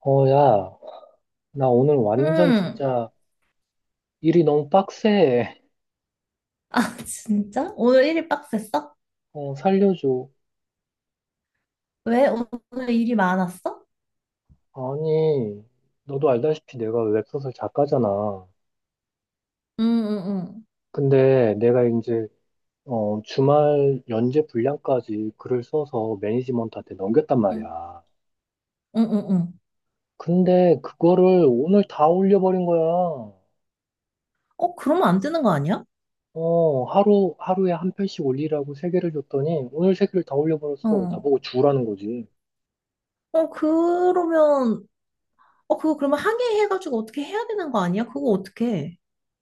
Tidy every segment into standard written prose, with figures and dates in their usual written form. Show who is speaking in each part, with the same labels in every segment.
Speaker 1: 야, 나 오늘 완전
Speaker 2: 응.
Speaker 1: 진짜 일이 너무 빡세.
Speaker 2: 아, 진짜? 오늘 일이 빡셌어?
Speaker 1: 살려줘.
Speaker 2: 왜? 오늘 일이 많았어?
Speaker 1: 아니, 너도 알다시피 내가 웹소설 작가잖아.
Speaker 2: 응, 응,
Speaker 1: 근데 내가 이제, 주말 연재 분량까지 글을 써서 매니지먼트한테 넘겼단
Speaker 2: 응. 응,
Speaker 1: 말이야.
Speaker 2: 응, 응. 응.
Speaker 1: 근데 그거를 오늘 다 올려버린 거야.
Speaker 2: 어, 그러면 안 되는 거 아니야?
Speaker 1: 하루에 한 편씩 올리라고 세 개를 줬더니 오늘 세 개를 다 올려버렸어.
Speaker 2: 어.
Speaker 1: 나보고 주라는 거지.
Speaker 2: 어, 그러면, 어, 그거 그러면 항해해가지고 어떻게 해야 되는 거 아니야? 그거 어떻게 해?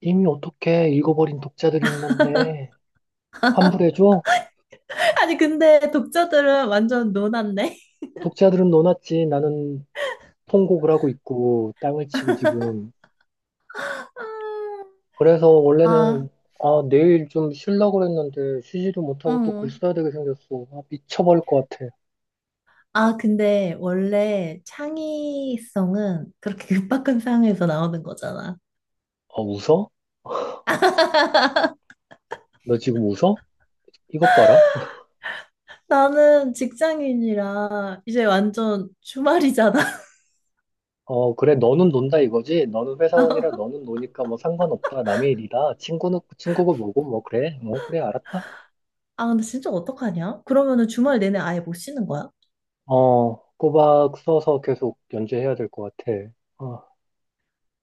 Speaker 1: 이미 어떻게 읽어버린 독자들이 있는데. 환불해줘?
Speaker 2: 아니, 근데 독자들은 완전 노났네.
Speaker 1: 독자들은 노났지. 나는 통곡을 하고 있고, 땅을 치고 지금. 그래서
Speaker 2: 아,
Speaker 1: 원래는, 내일 좀 쉬려고 그랬는데, 쉬지도 못하고 또 글
Speaker 2: 응.
Speaker 1: 써야 되게 생겼어. 미쳐버릴 것 같아.
Speaker 2: 아, 근데 원래 창의성은 그렇게 급박한 상황에서 나오는 거잖아.
Speaker 1: 웃어? 너 지금 웃어? 이것 봐라.
Speaker 2: 나는 직장인이라 이제 완전 주말이잖아.
Speaker 1: 그래, 너는 논다 이거지? 너는 회사원이라 너는 노니까 뭐 상관없다. 남의 일이다. 친구고 뭐고, 뭐, 그래. 뭐, 그래, 알았다.
Speaker 2: 아, 근데 진짜 어떡하냐? 그러면은 주말 내내 아예 못 쉬는 거야?
Speaker 1: 꼬박 써서 계속 연재해야 될 것 같아. 어,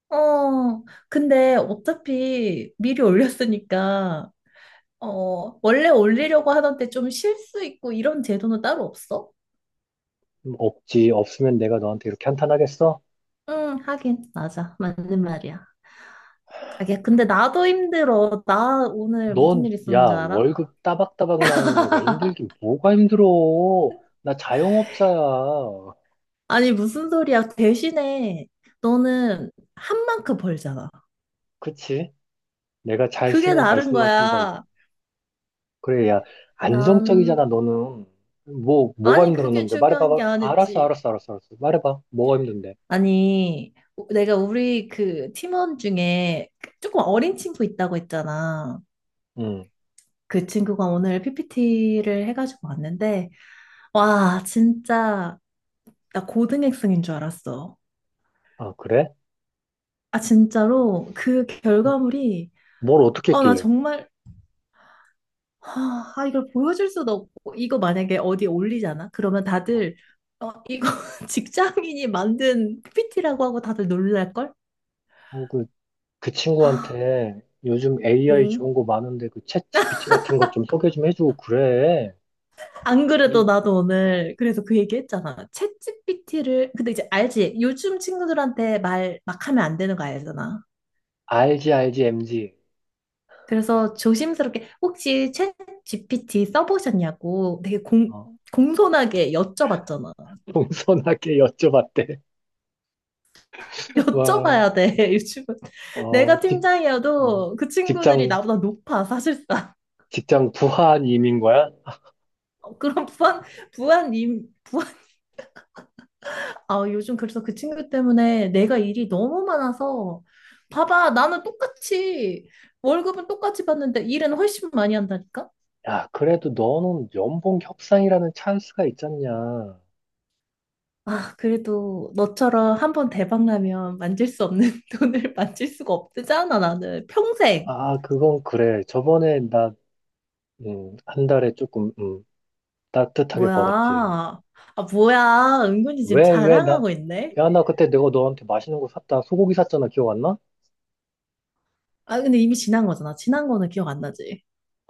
Speaker 2: 어, 근데 어차피 미리 올렸으니까, 어, 원래 올리려고 하던 데 좀 쉴 수 있고 이런 제도는 따로 없어?
Speaker 1: 없지. 없으면 내가 너한테 이렇게 한탄하겠어?
Speaker 2: 응, 하긴, 맞아. 맞는 말이야. 아, 야, 근데 나도 힘들어. 나 오늘 무슨
Speaker 1: 넌,
Speaker 2: 일
Speaker 1: 야,
Speaker 2: 있었는지 알아?
Speaker 1: 월급 따박따박 나오는 애가 힘들긴 뭐가 힘들어? 나 자영업자야.
Speaker 2: 아니, 무슨 소리야. 대신에 너는 한 만큼 벌잖아.
Speaker 1: 그치? 내가 잘
Speaker 2: 그게
Speaker 1: 쓰면 잘
Speaker 2: 다른
Speaker 1: 쓸 만큼 벌고.
Speaker 2: 거야.
Speaker 1: 그래, 야, 안정적이잖아,
Speaker 2: 난,
Speaker 1: 너는. 뭐가
Speaker 2: 아니, 그게
Speaker 1: 힘들었는데?
Speaker 2: 중요한 게
Speaker 1: 말해봐봐. 알았어,
Speaker 2: 아니지.
Speaker 1: 알았어, 알았어, 알았어. 말해봐. 뭐가 힘든데?
Speaker 2: 아니, 내가 우리 그 팀원 중에 그 조금 어린 친구 있다고 했잖아.
Speaker 1: 응.
Speaker 2: 그 친구가 오늘 PPT를 해가지고 왔는데, 와, 진짜, 나 고등학생인 줄 알았어.
Speaker 1: 아, 그래?
Speaker 2: 아, 진짜로, 그 결과물이,
Speaker 1: 뭘 어떻게
Speaker 2: 아, 나
Speaker 1: 했길래?
Speaker 2: 정말, 아, 이걸 보여줄 수도 없고, 이거 만약에 어디에 올리잖아? 그러면 다들, 어, 이거 직장인이 만든 PPT라고 하고 다들 놀랄걸?
Speaker 1: 어, 그, 그
Speaker 2: 아,
Speaker 1: 친구한테 요즘 AI
Speaker 2: 어.
Speaker 1: 좋은 거 많은데 그 챗 GPT 같은 거 좀 소개 좀 해주고 그래.
Speaker 2: 안 그래도
Speaker 1: 이-
Speaker 2: 나도
Speaker 1: 어,
Speaker 2: 오늘 그래서 그 얘기 했잖아. 챗GPT를 근데 이제 알지? 요즘 친구들한테 말 막 하면 안 되는 거 알잖아.
Speaker 1: 알지, 알지, MG.
Speaker 2: 그래서 조심스럽게 혹시 챗GPT 써보셨냐고 되게 공손하게 여쭤봤잖아.
Speaker 1: 동선하게 여쭤봤대. 와,
Speaker 2: 여쭤봐야 돼, 요즘은.
Speaker 1: 어,
Speaker 2: 내가
Speaker 1: 직, 어,
Speaker 2: 팀장이어도 그 친구들이
Speaker 1: 직장,
Speaker 2: 나보다 높아, 사실상.
Speaker 1: 직장 부하님인 거야?
Speaker 2: 그런 부한, 임, 아, 요즘 그래서 그 친구 때문에 내가 일이 너무 많아서 봐봐, 나는 똑같이 월급은 똑같이 받는데 일은 훨씬 많이 한다니까?
Speaker 1: 야, 그래도 너는 연봉 협상이라는 찬스가 있잖냐.
Speaker 2: 아, 그래도 너처럼 한 번 대박 나면 만질 수 없는 돈을 만질 수가 없잖아, 나는. 평생.
Speaker 1: 아, 그건 그래. 저번에 나, 한 달에 조금, 따뜻하게
Speaker 2: 뭐야?
Speaker 1: 벌었지.
Speaker 2: 아, 뭐야? 은근히 지금
Speaker 1: 왜,
Speaker 2: 자랑하고 있네.
Speaker 1: 야, 나 그때 내가 너한테 맛있는 거 샀다. 소고기 샀잖아. 기억 안 나?
Speaker 2: 아, 근데 이미 지난 거잖아. 지난 거는 기억 안 나지?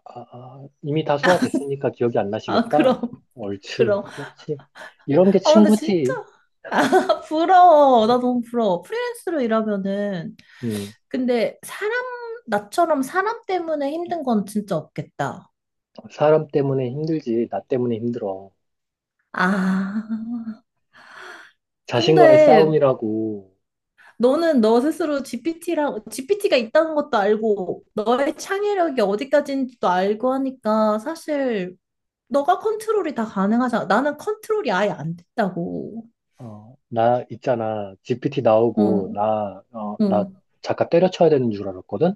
Speaker 1: 이미 다 소화됐으니까 기억이 안
Speaker 2: 아,
Speaker 1: 나시겠다.
Speaker 2: 그럼.
Speaker 1: 옳지.
Speaker 2: 그럼.
Speaker 1: 그렇지. 이런 게
Speaker 2: 아, 근데 진짜
Speaker 1: 친구지.
Speaker 2: 부러워. 나 너무 부러워. 프리랜서로 일하면은
Speaker 1: 음.
Speaker 2: 근데 사람, 나처럼 사람 때문에 힘든 건 진짜 없겠다.
Speaker 1: 사람 때문에 힘들지, 나 때문에 힘들어.
Speaker 2: 아,
Speaker 1: 자신과의
Speaker 2: 근데
Speaker 1: 싸움이라고,
Speaker 2: 너는 너 스스로 GPT랑, GPT가 있다는 것도 알고, 너의 창의력이 어디까지인지도 알고 하니까 사실 너가 컨트롤이 다 가능하잖아. 나는 컨트롤이 아예 안 됐다고.
Speaker 1: 나 있잖아. GPT
Speaker 2: 어,
Speaker 1: 나오고, 나, 어,
Speaker 2: 어,
Speaker 1: 나
Speaker 2: 어,
Speaker 1: 작가 때려쳐야 되는 줄 알았거든?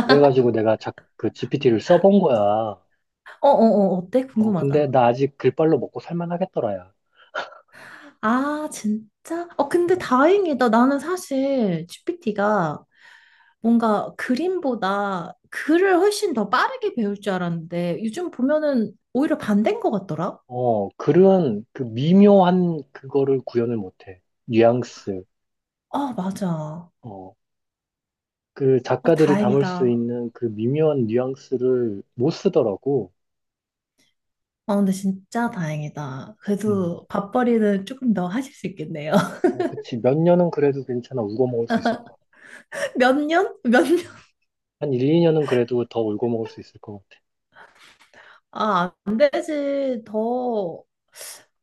Speaker 1: 그래가지고 내가 그 GPT를 써본 거야.
Speaker 2: 어, 어, 어때?
Speaker 1: 근데
Speaker 2: 궁금하다.
Speaker 1: 나 아직 글빨로 먹고 살만 하겠더라야.
Speaker 2: 아, 진짜? 어, 근데
Speaker 1: 어,
Speaker 2: 다행이다. 나는 사실 GPT가 뭔가 그림보다 글을 훨씬 더 빠르게 배울 줄 알았는데 요즘 보면은 오히려 반대인 것 같더라.
Speaker 1: 글은 그 미묘한 그거를 구현을 못해. 뉘앙스.
Speaker 2: 아, 맞아.
Speaker 1: 어, 그
Speaker 2: 아,
Speaker 1: 작가들이 담을 수
Speaker 2: 다행이다.
Speaker 1: 있는 그 미묘한 뉘앙스를 못 쓰더라고.
Speaker 2: 아, 근데 진짜 다행이다.
Speaker 1: 음.
Speaker 2: 그래도 밥벌이는 조금 더 하실 수 있겠네요.
Speaker 1: 그치. 몇 년은 그래도 괜찮아. 울고 먹을 수 있을 것 같아.
Speaker 2: 몇 년? 몇 년?
Speaker 1: 한 1, 2년은 그래도 더 울고 먹을 수 있을 것 같아.
Speaker 2: 아, 안 되지. 더,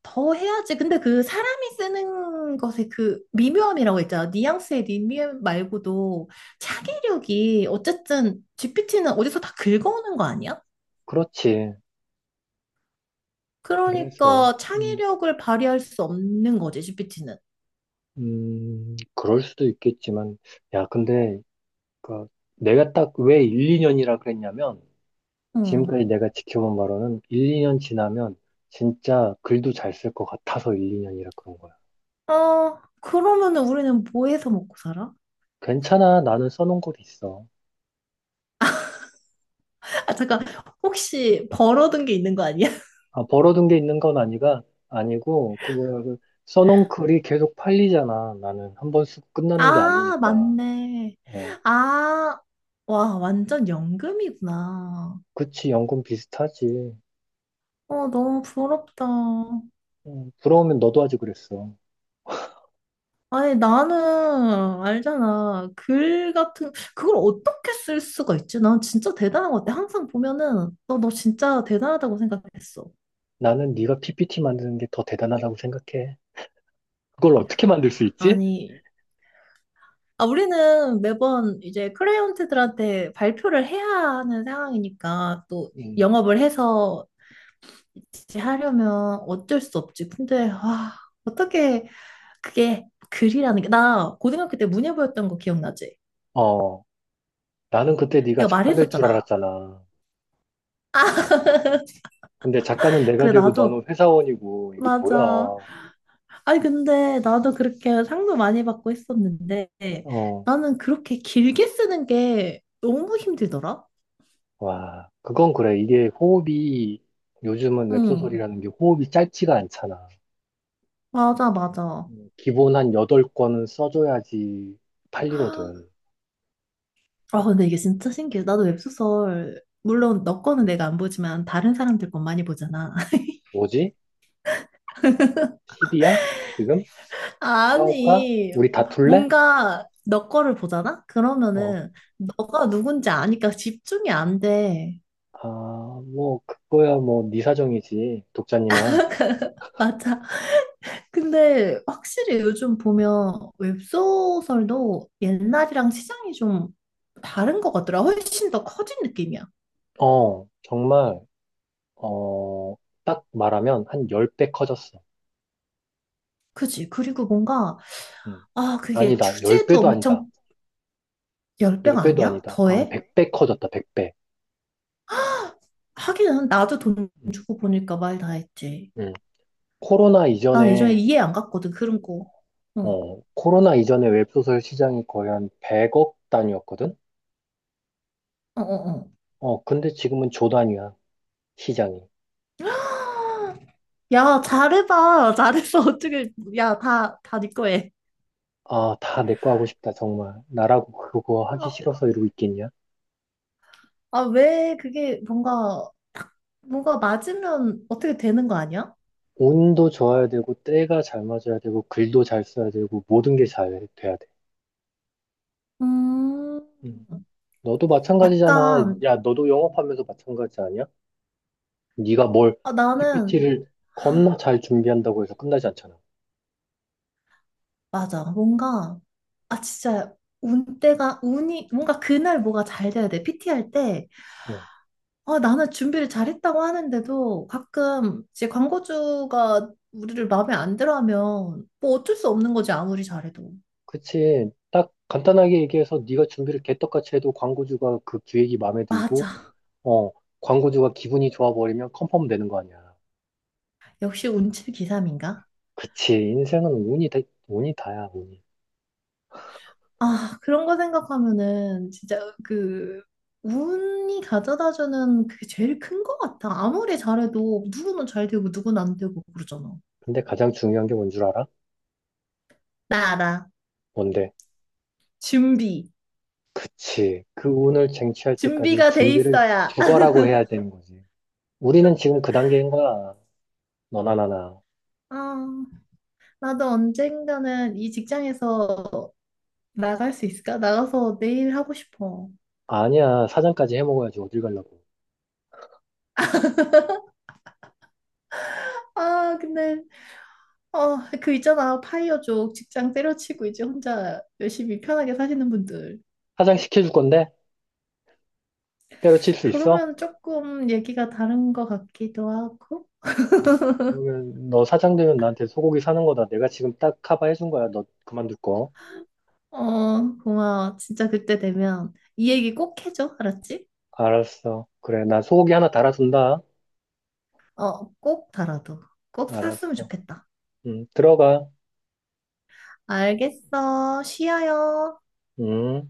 Speaker 2: 더 해야지. 근데 그 사람이 쓰는 것의 그 미묘함이라고 했잖아. 뉘앙스의 미묘함 말고도 창의력이 어쨌든 GPT는 어디서 다 긁어오는 거 아니야?
Speaker 1: 그렇지. 그래서,
Speaker 2: 그러니까
Speaker 1: 음,
Speaker 2: 창의력을 발휘할 수 없는 거지, GPT는.
Speaker 1: 그럴 수도 있겠지만, 야, 근데, 그, 내가 딱 왜 1, 2년이라 그랬냐면,
Speaker 2: 어.
Speaker 1: 지금까지 내가 지켜본 바로는 1, 2년 지나면 진짜 글도 잘 쓸 것 같아서 1, 2년이라 그런 거야.
Speaker 2: 어, 그러면은 우리는 뭐 해서 먹고 살아?
Speaker 1: 괜찮아. 나는 써놓은 곳 있어.
Speaker 2: 아, 잠깐, 혹시 벌어둔 게 있는 거 아니야?
Speaker 1: 벌어둔 게 있는 건 아니고, 그거, 써놓은 글이 계속 팔리잖아. 나는 한 번 쓰고 끝나는 게
Speaker 2: 아,
Speaker 1: 아니니까.
Speaker 2: 맞네.
Speaker 1: 어,
Speaker 2: 아, 와, 완전 연금이구나.
Speaker 1: 그치, 연금 비슷하지.
Speaker 2: 어, 너무 부럽다.
Speaker 1: 부러우면 너도 하지 그랬어.
Speaker 2: 아니, 나는 알잖아. 글 같은, 그걸 어떻게 쓸 수가 있지? 난 진짜 대단한 것 같아. 항상 보면은, 너, 너 진짜 대단하다고 생각했어.
Speaker 1: 나는 네가 PPT 만드는 게 더 대단하다고 생각해. 그걸 어떻게 만들 수 있지?
Speaker 2: 아니, 아, 우리는 매번 이제 클라이언트들한테 발표를 해야 하는 상황이니까 또
Speaker 1: 음.
Speaker 2: 영업을 해서 이제 하려면 어쩔 수 없지. 근데 와, 어떻게 그게 글이라는 게 나 고등학교 때 문예부였던 거 기억나지?
Speaker 1: 어, 나는 그때 네가
Speaker 2: 내가
Speaker 1: 작가 될 줄
Speaker 2: 말했었잖아.
Speaker 1: 알았잖아. 근데 작가는 내가
Speaker 2: 그래
Speaker 1: 되고
Speaker 2: 나도
Speaker 1: 너는 회사원이고, 이게
Speaker 2: 맞아.
Speaker 1: 뭐야.
Speaker 2: 아니 근데 나도 그렇게 상도 많이 받고 했었는데
Speaker 1: 어,
Speaker 2: 나는 그렇게 길게 쓰는 게 너무 힘들더라.
Speaker 1: 와, 그건 그래. 이게 호흡이, 요즘은
Speaker 2: 응,
Speaker 1: 웹소설이라는 게 호흡이 짧지가 않잖아.
Speaker 2: 맞아 맞아.
Speaker 1: 기본 한 8권은 써줘야지 팔리거든.
Speaker 2: 아, 근데 이게 진짜 신기해. 나도 웹소설, 물론 너 거는 내가 안 보지만 다른 사람들 건 많이 보잖아.
Speaker 1: 뭐지? 시비야? 지금? 싸울까?
Speaker 2: 아니,
Speaker 1: 우리 다툴래?
Speaker 2: 뭔가 너 거를 보잖아?
Speaker 1: 어,
Speaker 2: 그러면은 너가 누군지 아니까 집중이 안 돼.
Speaker 1: 아, 뭐, 그거야, 뭐, 네 사정이지, 독자님아.
Speaker 2: 맞아. 근데 확실히 요즘 보면 웹소설도 옛날이랑 시장이 좀 다른 것 같더라. 훨씬 더 커진 느낌이야.
Speaker 1: 어, 정말, 어, 딱 말하면 한 10배 커졌어.
Speaker 2: 그치? 그리고 뭔가,
Speaker 1: 음.
Speaker 2: 아, 그게
Speaker 1: 아니다,
Speaker 2: 주제도
Speaker 1: 10배도 아니다.
Speaker 2: 엄청 열배가
Speaker 1: 10배도
Speaker 2: 아니야?
Speaker 1: 아니다. 한
Speaker 2: 더해?
Speaker 1: 100배 커졌다, 100배.
Speaker 2: 하기는 나도 돈
Speaker 1: 음.
Speaker 2: 주고 보니까 말 다 했지.
Speaker 1: 음. 코로나
Speaker 2: 난 예전에
Speaker 1: 이전에
Speaker 2: 이해 안 갔거든, 그런 거. 어,
Speaker 1: 코로나 이전에 웹소설 시장이 거의 한 100억 단위였거든?
Speaker 2: 어, 어, 어.
Speaker 1: 근데 지금은 조 단위야, 시장이.
Speaker 2: 야, 잘해봐. 잘했어. 어떻게, 야, 다 네 거에.
Speaker 1: 다 내 거 하고 싶다, 정말. 나라고 그거 하기
Speaker 2: 어,
Speaker 1: 싫어서 이러고 있겠냐?
Speaker 2: 아, 왜 그게 뭔가, 딱 뭔가 맞으면 어떻게 되는 거 아니야?
Speaker 1: 운도 좋아야 되고, 때가 잘 맞아야 되고, 글도 잘 써야 되고, 모든 게 잘 돼야 돼.
Speaker 2: 음,
Speaker 1: 음. 너도 마찬가지잖아.
Speaker 2: 약간,
Speaker 1: 야, 너도 영업하면서 마찬가지 아니야? 네가 뭘
Speaker 2: 아, 나는,
Speaker 1: PPT를 겁나 잘 준비한다고 해서 끝나지 않잖아.
Speaker 2: 맞아. 뭔가, 아, 진짜, 운 때가, 운이, 뭔가 그날 뭐가 잘 돼야 돼. PT 할 때,
Speaker 1: 어.
Speaker 2: 아, 나는 준비를 잘했다고 하는데도 가끔 이제 광고주가 우리를 마음에 안 들어 하면 뭐 어쩔 수 없는 거지, 아무리 잘해도.
Speaker 1: 그치. 딱 간단하게 얘기해서 네가 준비를 개떡같이 해도 광고주가 그 기획이 마음에 들고,
Speaker 2: 맞아.
Speaker 1: 어, 광고주가 기분이 좋아버리면 컨펌 되는 거 아니야.
Speaker 2: 역시 운칠 기삼인가?
Speaker 1: 그치. 인생은 운이 다, 운이 다야, 운이.
Speaker 2: 아, 그런 거 생각하면은 진짜 그 운이 가져다주는 그게 제일 큰 거 같아. 아무리 잘해도 누구는 잘 되고 누구는 안 되고 그러잖아.
Speaker 1: 근데 가장 중요한 게 뭔 줄 알아?
Speaker 2: 나 알아.
Speaker 1: 뭔데?
Speaker 2: 준비.
Speaker 1: 그치. 그 운을 쟁취할 때까지
Speaker 2: 준비가 돼
Speaker 1: 준비를
Speaker 2: 있어야.
Speaker 1: 죽어라고 해야 되는 거지. 우리는 지금 그 단계인 거야. 너나 나나.
Speaker 2: 아, 나도 언젠가는 이 직장에서 나갈 수 있을까? 나가서 내일 하고 싶어.
Speaker 1: 아니야. 사장까지 해먹어야지. 어딜 가려고.
Speaker 2: 아, 근데, 어, 그 있잖아. 파이어족 직장 때려치고 이제 혼자 열심히 편하게 사시는 분들.
Speaker 1: 사장 시켜줄 건데? 때려칠 수 있어?
Speaker 2: 그러면 조금 얘기가 다른 것 같기도 하고.
Speaker 1: 그러면 너 사장 되면 나한테 소고기 사는 거다. 내가 지금 딱 커버해 준 거야. 너 그만둘 거.
Speaker 2: 어, 고마워. 진짜 그때 되면 이 얘기 꼭 해줘. 알았지?
Speaker 1: 알았어. 그래. 나 소고기 하나 달아준다.
Speaker 2: 어, 꼭 달아도. 꼭 샀으면
Speaker 1: 알았어.
Speaker 2: 좋겠다.
Speaker 1: 들어가.
Speaker 2: 알겠어. 쉬어요.
Speaker 1: 음.